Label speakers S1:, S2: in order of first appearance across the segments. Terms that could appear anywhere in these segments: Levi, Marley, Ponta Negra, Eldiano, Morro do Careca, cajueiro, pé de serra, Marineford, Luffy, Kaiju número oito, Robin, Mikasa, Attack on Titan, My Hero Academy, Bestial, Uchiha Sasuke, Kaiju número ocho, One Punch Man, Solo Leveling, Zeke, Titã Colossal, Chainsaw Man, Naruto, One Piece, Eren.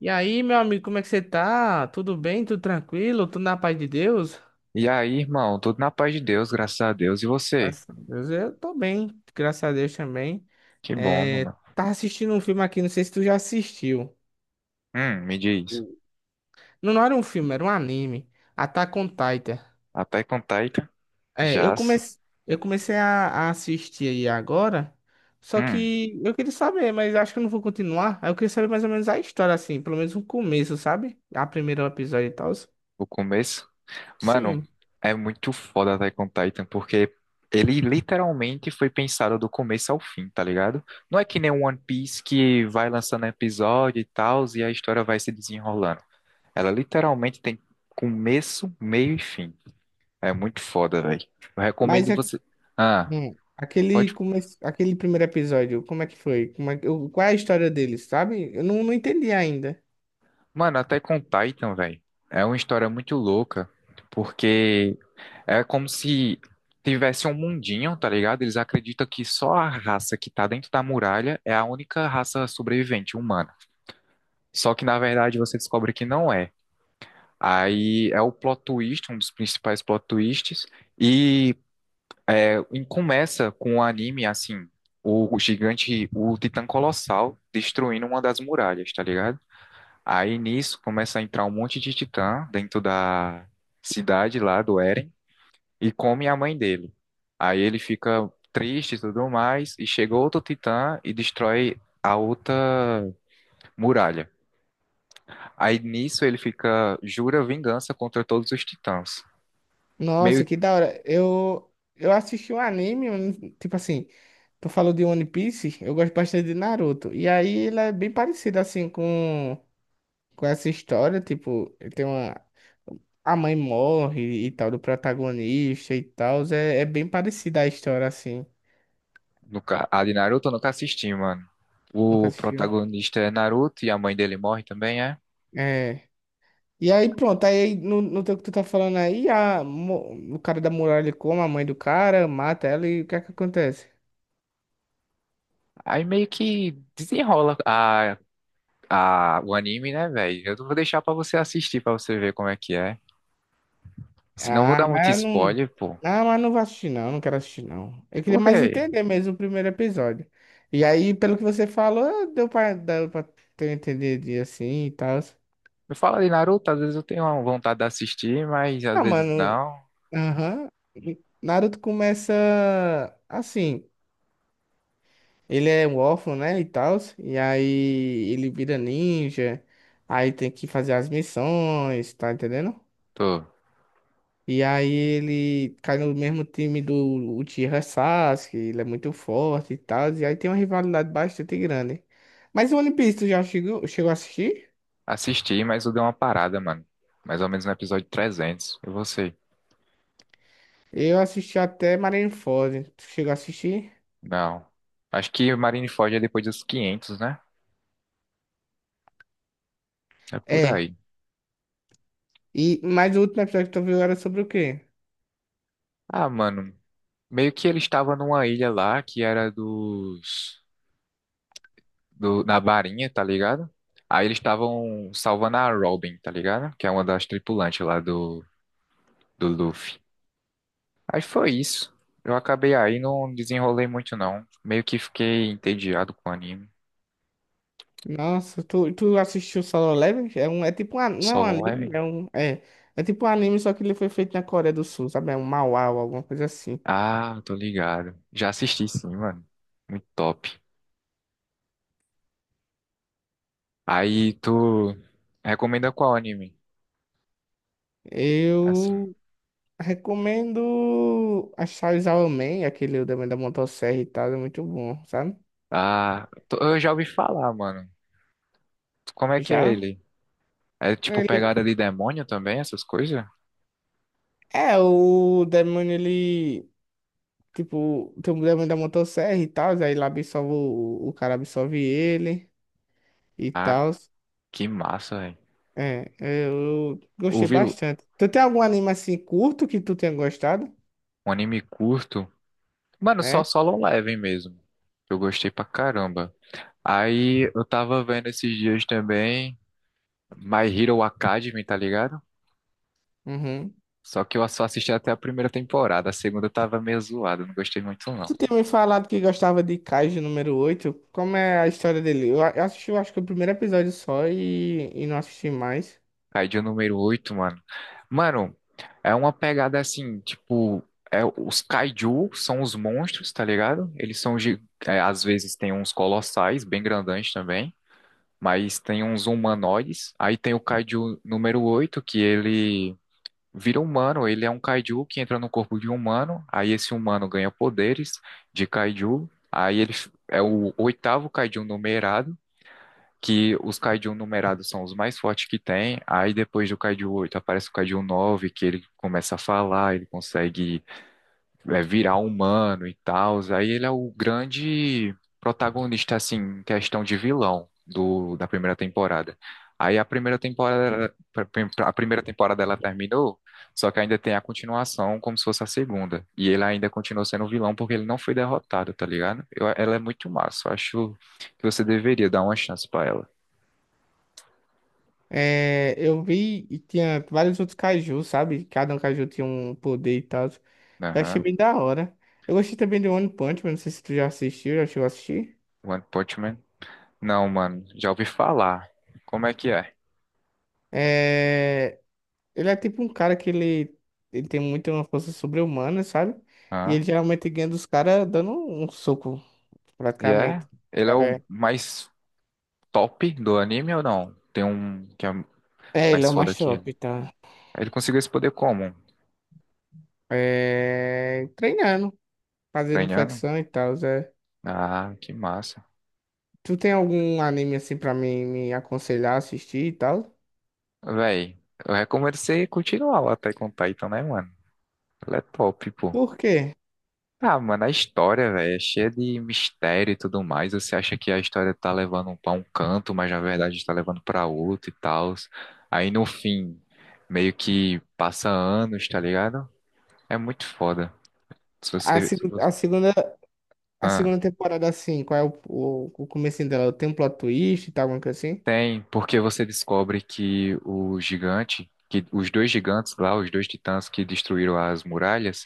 S1: E aí, meu amigo, como é que você tá? Tudo bem? Tudo tranquilo? Tudo na paz de Deus?
S2: E aí, irmão, tudo na paz de Deus, graças a Deus. E você?
S1: Graças a Deus, eu tô bem, graças a Deus também.
S2: Que bom,
S1: É,
S2: mano.
S1: tava assistindo um filme aqui, não sei se tu já assistiu.
S2: Me diz.
S1: Não, não era um filme, era um anime. Attack on Titan.
S2: Attack on Titan,
S1: É,
S2: já se.
S1: eu comecei a assistir aí agora, só
S2: Hum,
S1: que eu queria saber, mas acho que eu não vou continuar. Aí eu queria saber mais ou menos a história, assim, pelo menos o começo, sabe? A primeiro episódio e tal.
S2: o começo. Mano,
S1: Sim.
S2: é muito foda Attack on Titan, porque ele literalmente foi pensado do começo ao fim, tá ligado? Não é que nem One Piece que vai lançando episódio e tal, e a história vai se desenrolando. Ela literalmente tem começo, meio e fim. É muito foda, velho. Eu
S1: Mas
S2: recomendo
S1: é
S2: você. Ah, pode.
S1: Aquele primeiro episódio, como é que foi? Como é... que- o- Qual é a história deles, sabe? Eu não entendi ainda.
S2: Mano, até com Titan, velho, é uma história muito louca, porque é como se tivesse um mundinho, tá ligado? Eles acreditam que só a raça que tá dentro da muralha é a única raça sobrevivente humana. Só que na verdade você descobre que não é. Aí é o plot twist, um dos principais plot twists, e e começa com o anime assim, o gigante, o Titã Colossal destruindo uma das muralhas, tá ligado? Aí nisso começa a entrar um monte de titã dentro da cidade lá do Eren e come a mãe dele. Aí ele fica triste e tudo mais, e chega outro titã e destrói a outra muralha. Aí nisso ele fica, jura vingança contra todos os titãs.
S1: Nossa,
S2: Meio
S1: que da hora. Eu assisti um anime, eu não- tipo assim, tu falou de One Piece, eu gosto bastante de Naruto. E aí ele é bem parecido, assim, com, essa história, tipo, a mãe morre e tal, do protagonista e tal, é bem parecida a história, assim.
S2: nunca, a de Naruto eu nunca assisti, mano.
S1: Nunca
S2: O
S1: assistiu?
S2: protagonista é Naruto e a mãe dele morre também, é?
S1: É. E aí, pronto, aí no teu que tu tá falando aí, o cara da muralha come a mãe do cara, mata ela e o que é que acontece?
S2: Aí meio que desenrola a. Ah, o anime, né, velho? Eu vou deixar pra você assistir, pra você ver como é que é. Senão eu vou
S1: Ah,
S2: dar muito
S1: mas eu não.
S2: spoiler, pô.
S1: Ah, mas não vou assistir, não, não quero assistir, não. Eu queria
S2: Por
S1: mais
S2: quê?
S1: entender mesmo o primeiro episódio. E aí, pelo que você falou, deu pra ter entendido e assim e tal.
S2: Me fala de Naruto, às vezes eu tenho uma vontade de assistir, mas às
S1: Ah,
S2: vezes
S1: mano,
S2: não.
S1: aham. Naruto começa assim. Ele é um órfão, né, e tal, e aí ele vira ninja, aí tem que fazer as missões, tá entendendo?
S2: Tô.
S1: E aí ele cai no mesmo time do Uchiha Sasuke, ele é muito forte e tal, e aí tem uma rivalidade bastante grande. Mas o One Piece, tu já chegou a assistir?
S2: Assisti, mas eu dei uma parada, mano. Mais ou menos no episódio 300. E você?
S1: Eu assisti até Marineford, tu chegou a assistir?
S2: Não. Acho que Marineford é depois dos 500, né? É por
S1: É,
S2: aí.
S1: mas o último episódio que tu viu era sobre o quê?
S2: Ah, mano. Meio que ele estava numa ilha lá que era dos... do- na barinha, tá ligado? Aí eles estavam salvando a Robin, tá ligado? Que é uma das tripulantes lá do, do Luffy. Aí foi isso. Eu acabei aí, não desenrolei muito não. Meio que fiquei entediado com o anime.
S1: Nossa, tu assistiu Solo Leveling? Não é um
S2: Solo
S1: anime,
S2: Leveling?
S1: é tipo um anime, só que ele foi feito na Coreia do Sul, sabe? É um manhwa ou alguma coisa assim.
S2: Ah, tô ligado. Já assisti sim, mano. Muito top. Aí tu recomenda qual anime? Assim.
S1: Eu recomendo a Chainsaw Man, aquele também da motosserra e tal, é muito bom, sabe?
S2: Ah, tô- eu já ouvi falar, mano. Como é que é
S1: Já?
S2: ele? É tipo
S1: Ele,
S2: pegada de demônio também, essas coisas?
S1: o demônio, ele, tipo, tem o demônio da motosserra e tal, aí lá o cara absorve ele e
S2: Ah,
S1: tal.
S2: que massa, velho.
S1: Eu
S2: O
S1: gostei
S2: vil...
S1: bastante. Tu tem algum anime assim curto que tu tenha gostado?
S2: um anime curto. Mano, só
S1: É?
S2: Solo Leveling mesmo. Eu gostei pra caramba. Aí eu tava vendo esses dias também My Hero Academy, tá ligado?
S1: Uhum.
S2: Só que eu só assisti até a primeira temporada. A segunda tava meio zoado, não gostei muito não.
S1: Tu tinha me falado que gostava de Kaiju número oito. Como é a história dele? Eu assisti, eu acho que o primeiro episódio só e não assisti mais.
S2: Kaiju número oito, mano. Mano, é uma pegada assim, tipo, é, os kaiju são os monstros, tá ligado? Eles são, gi- é, às vezes tem uns colossais, bem grandões também. Mas tem uns humanoides. Aí tem o Kaiju número oito que ele vira humano. Ele é um Kaiju que entra no corpo de um humano. Aí esse humano ganha poderes de Kaiju. Aí ele f- é o oitavo Kaiju numerado, que os Kaiju numerados são os mais fortes que tem. Aí depois do Kaiju 8 aparece o Kaiju 9 que ele começa a falar, ele consegue é, virar humano e tal. Aí ele é o grande protagonista, assim, em questão de vilão do, da primeira temporada. Aí a primeira temporada ela terminou, só que ainda tem a continuação como se fosse a segunda. E ele ainda continua sendo vilão porque ele não foi derrotado, tá ligado? Eu- ela é muito massa. Eu acho que você deveria dar uma chance pra ela.
S1: É, eu vi e tinha vários outros Kaiju, sabe? Cada um Kaiju tinha um poder e tal. Eu achei
S2: Aham.
S1: bem da hora. Eu gostei também de One Punch Man, não sei se tu já assistiu, já chegou a assistir.
S2: One Punch Man? Não, mano, já ouvi falar. Como é que é?
S1: É, ele é tipo um cara que ele tem muito uma força sobre-humana, sabe? E ele
S2: Hã?
S1: geralmente ganha dos caras dando um soco,
S2: E é?
S1: praticamente. O
S2: Ele é
S1: Cara,
S2: o mais top do anime ou não? Tem um que é
S1: ele é
S2: mais
S1: o
S2: foda
S1: mais
S2: que ele.
S1: top, tá?
S2: Ele conseguiu esse poder como?
S1: É, treinando, fazendo
S2: Ganhando?
S1: flexão e tal, Zé.
S2: Ah, que massa.
S1: Tu tem algum anime assim pra mim me aconselhar a assistir e tal?
S2: Véi, eu recomendo você continuar lá até com Titan, né, mano? Ele é top, pô.
S1: Por quê?
S2: Ah, mano, a história, velho, é cheia de mistério e tudo mais. Você acha que a história tá levando pra um canto, mas na verdade tá levando pra outro e tal. Aí no fim, meio que passa anos, tá ligado? É muito foda. Se
S1: A,
S2: você. Se
S1: segu-
S2: você...
S1: a segunda, a
S2: Ah.
S1: segunda temporada, assim, qual é o comecinho dela? Tem um plot twist e tal, alguma coisa assim?
S2: Tem, porque você descobre que o gigante, que os dois gigantes lá, os dois titãs que destruíram as muralhas,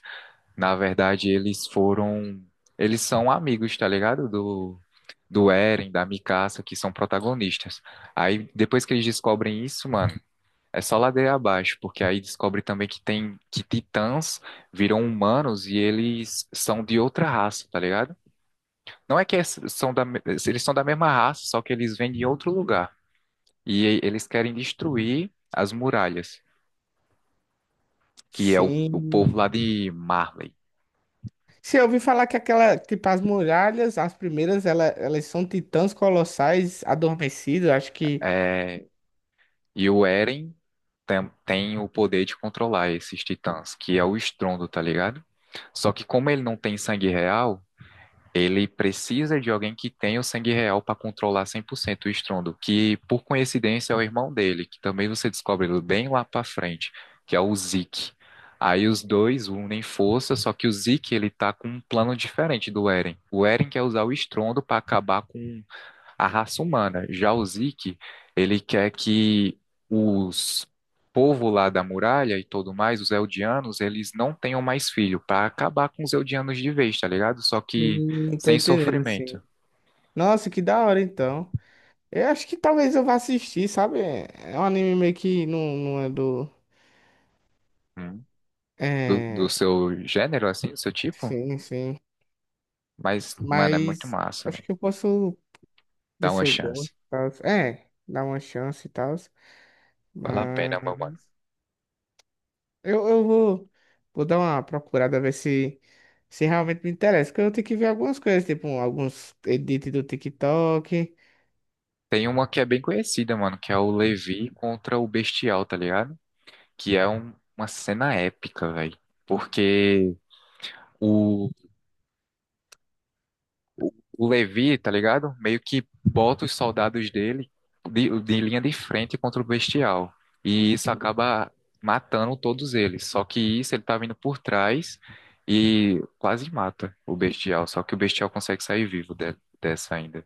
S2: na verdade eles foram, eles são amigos, tá ligado? Do, do Eren, da Mikasa, que são protagonistas. Aí depois que eles descobrem isso, mano, é só ladeira abaixo, porque aí descobre também que tem, que titãs viram humanos e eles são de outra raça, tá ligado? Não é que é- são da, me- eles são da mesma raça, só que eles vêm de outro lugar e eles querem destruir as muralhas, que é o
S1: Sim.
S2: povo lá de Marley.
S1: Sim, eu ouvi falar que aquela, tipo, as muralhas, as primeiras, elas são titãs colossais adormecidos, acho que.
S2: É, e o Eren tem, tem o poder de controlar esses titãs, que é o estrondo, tá ligado? Só que como ele não tem sangue real, ele precisa de alguém que tenha o sangue real para controlar 100% o estrondo, que por coincidência é o irmão dele, que também você descobre bem lá para frente, que é o Zeke. Aí os dois unem força, só que o Zeke ele tá com um plano diferente do Eren. O Eren quer usar o estrondo para acabar com a raça humana. Já o Zeke, ele quer que os povo lá da muralha e tudo mais, os Eldianos, eles não tenham mais filho, para acabar com os Eldianos de vez, tá ligado? Só que
S1: Tô
S2: sem
S1: entendendo, assim.
S2: sofrimento.
S1: Nossa, que da hora, então. Eu acho que talvez eu vá assistir, sabe? É um anime meio que não, não é do.
S2: Hum. Do, do
S1: É.
S2: seu gênero, assim, do seu tipo.
S1: Sim, sim.
S2: Mas, mano, é muito
S1: Mas
S2: massa,
S1: acho
S2: velho.
S1: que eu posso ver
S2: Dá
S1: se
S2: uma
S1: eu gosto
S2: chance.
S1: e tal. É, dar uma chance e tal.
S2: Vale a pena, meu mano.
S1: Eu vou dar uma procurada, ver se realmente me interessa. Porque eu tenho que ver algumas coisas, tipo alguns edits do TikTok.
S2: Tem uma que é bem conhecida, mano, que é o Levi contra o Bestial, tá ligado? Que é um- uma cena épica, velho. Porque o O o Levi, tá ligado? Meio que bota os soldados dele de linha de frente contra o Bestial. E isso acaba matando todos eles. Só que isso ele tá vindo por trás e quase mata o Bestial. Só que o Bestial consegue sair vivo de- dessa ainda.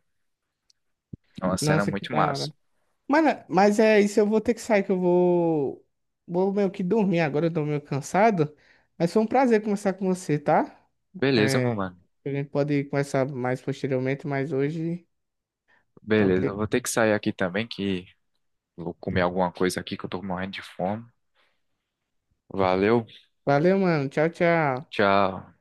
S2: É uma cena
S1: Nossa, que
S2: muito
S1: da
S2: massa.
S1: hora. Mas é isso, eu vou ter que sair, que eu vou meio que dormir agora, eu tô meio cansado. Mas foi um prazer conversar com você, tá?
S2: Beleza, meu
S1: É,
S2: mano.
S1: a gente pode conversar mais posteriormente, mas hoje tá ok.
S2: Beleza, eu vou ter que sair aqui também, que vou comer alguma coisa aqui que eu tô morrendo de fome. Valeu,
S1: Valeu, mano. Tchau, tchau.
S2: tchau.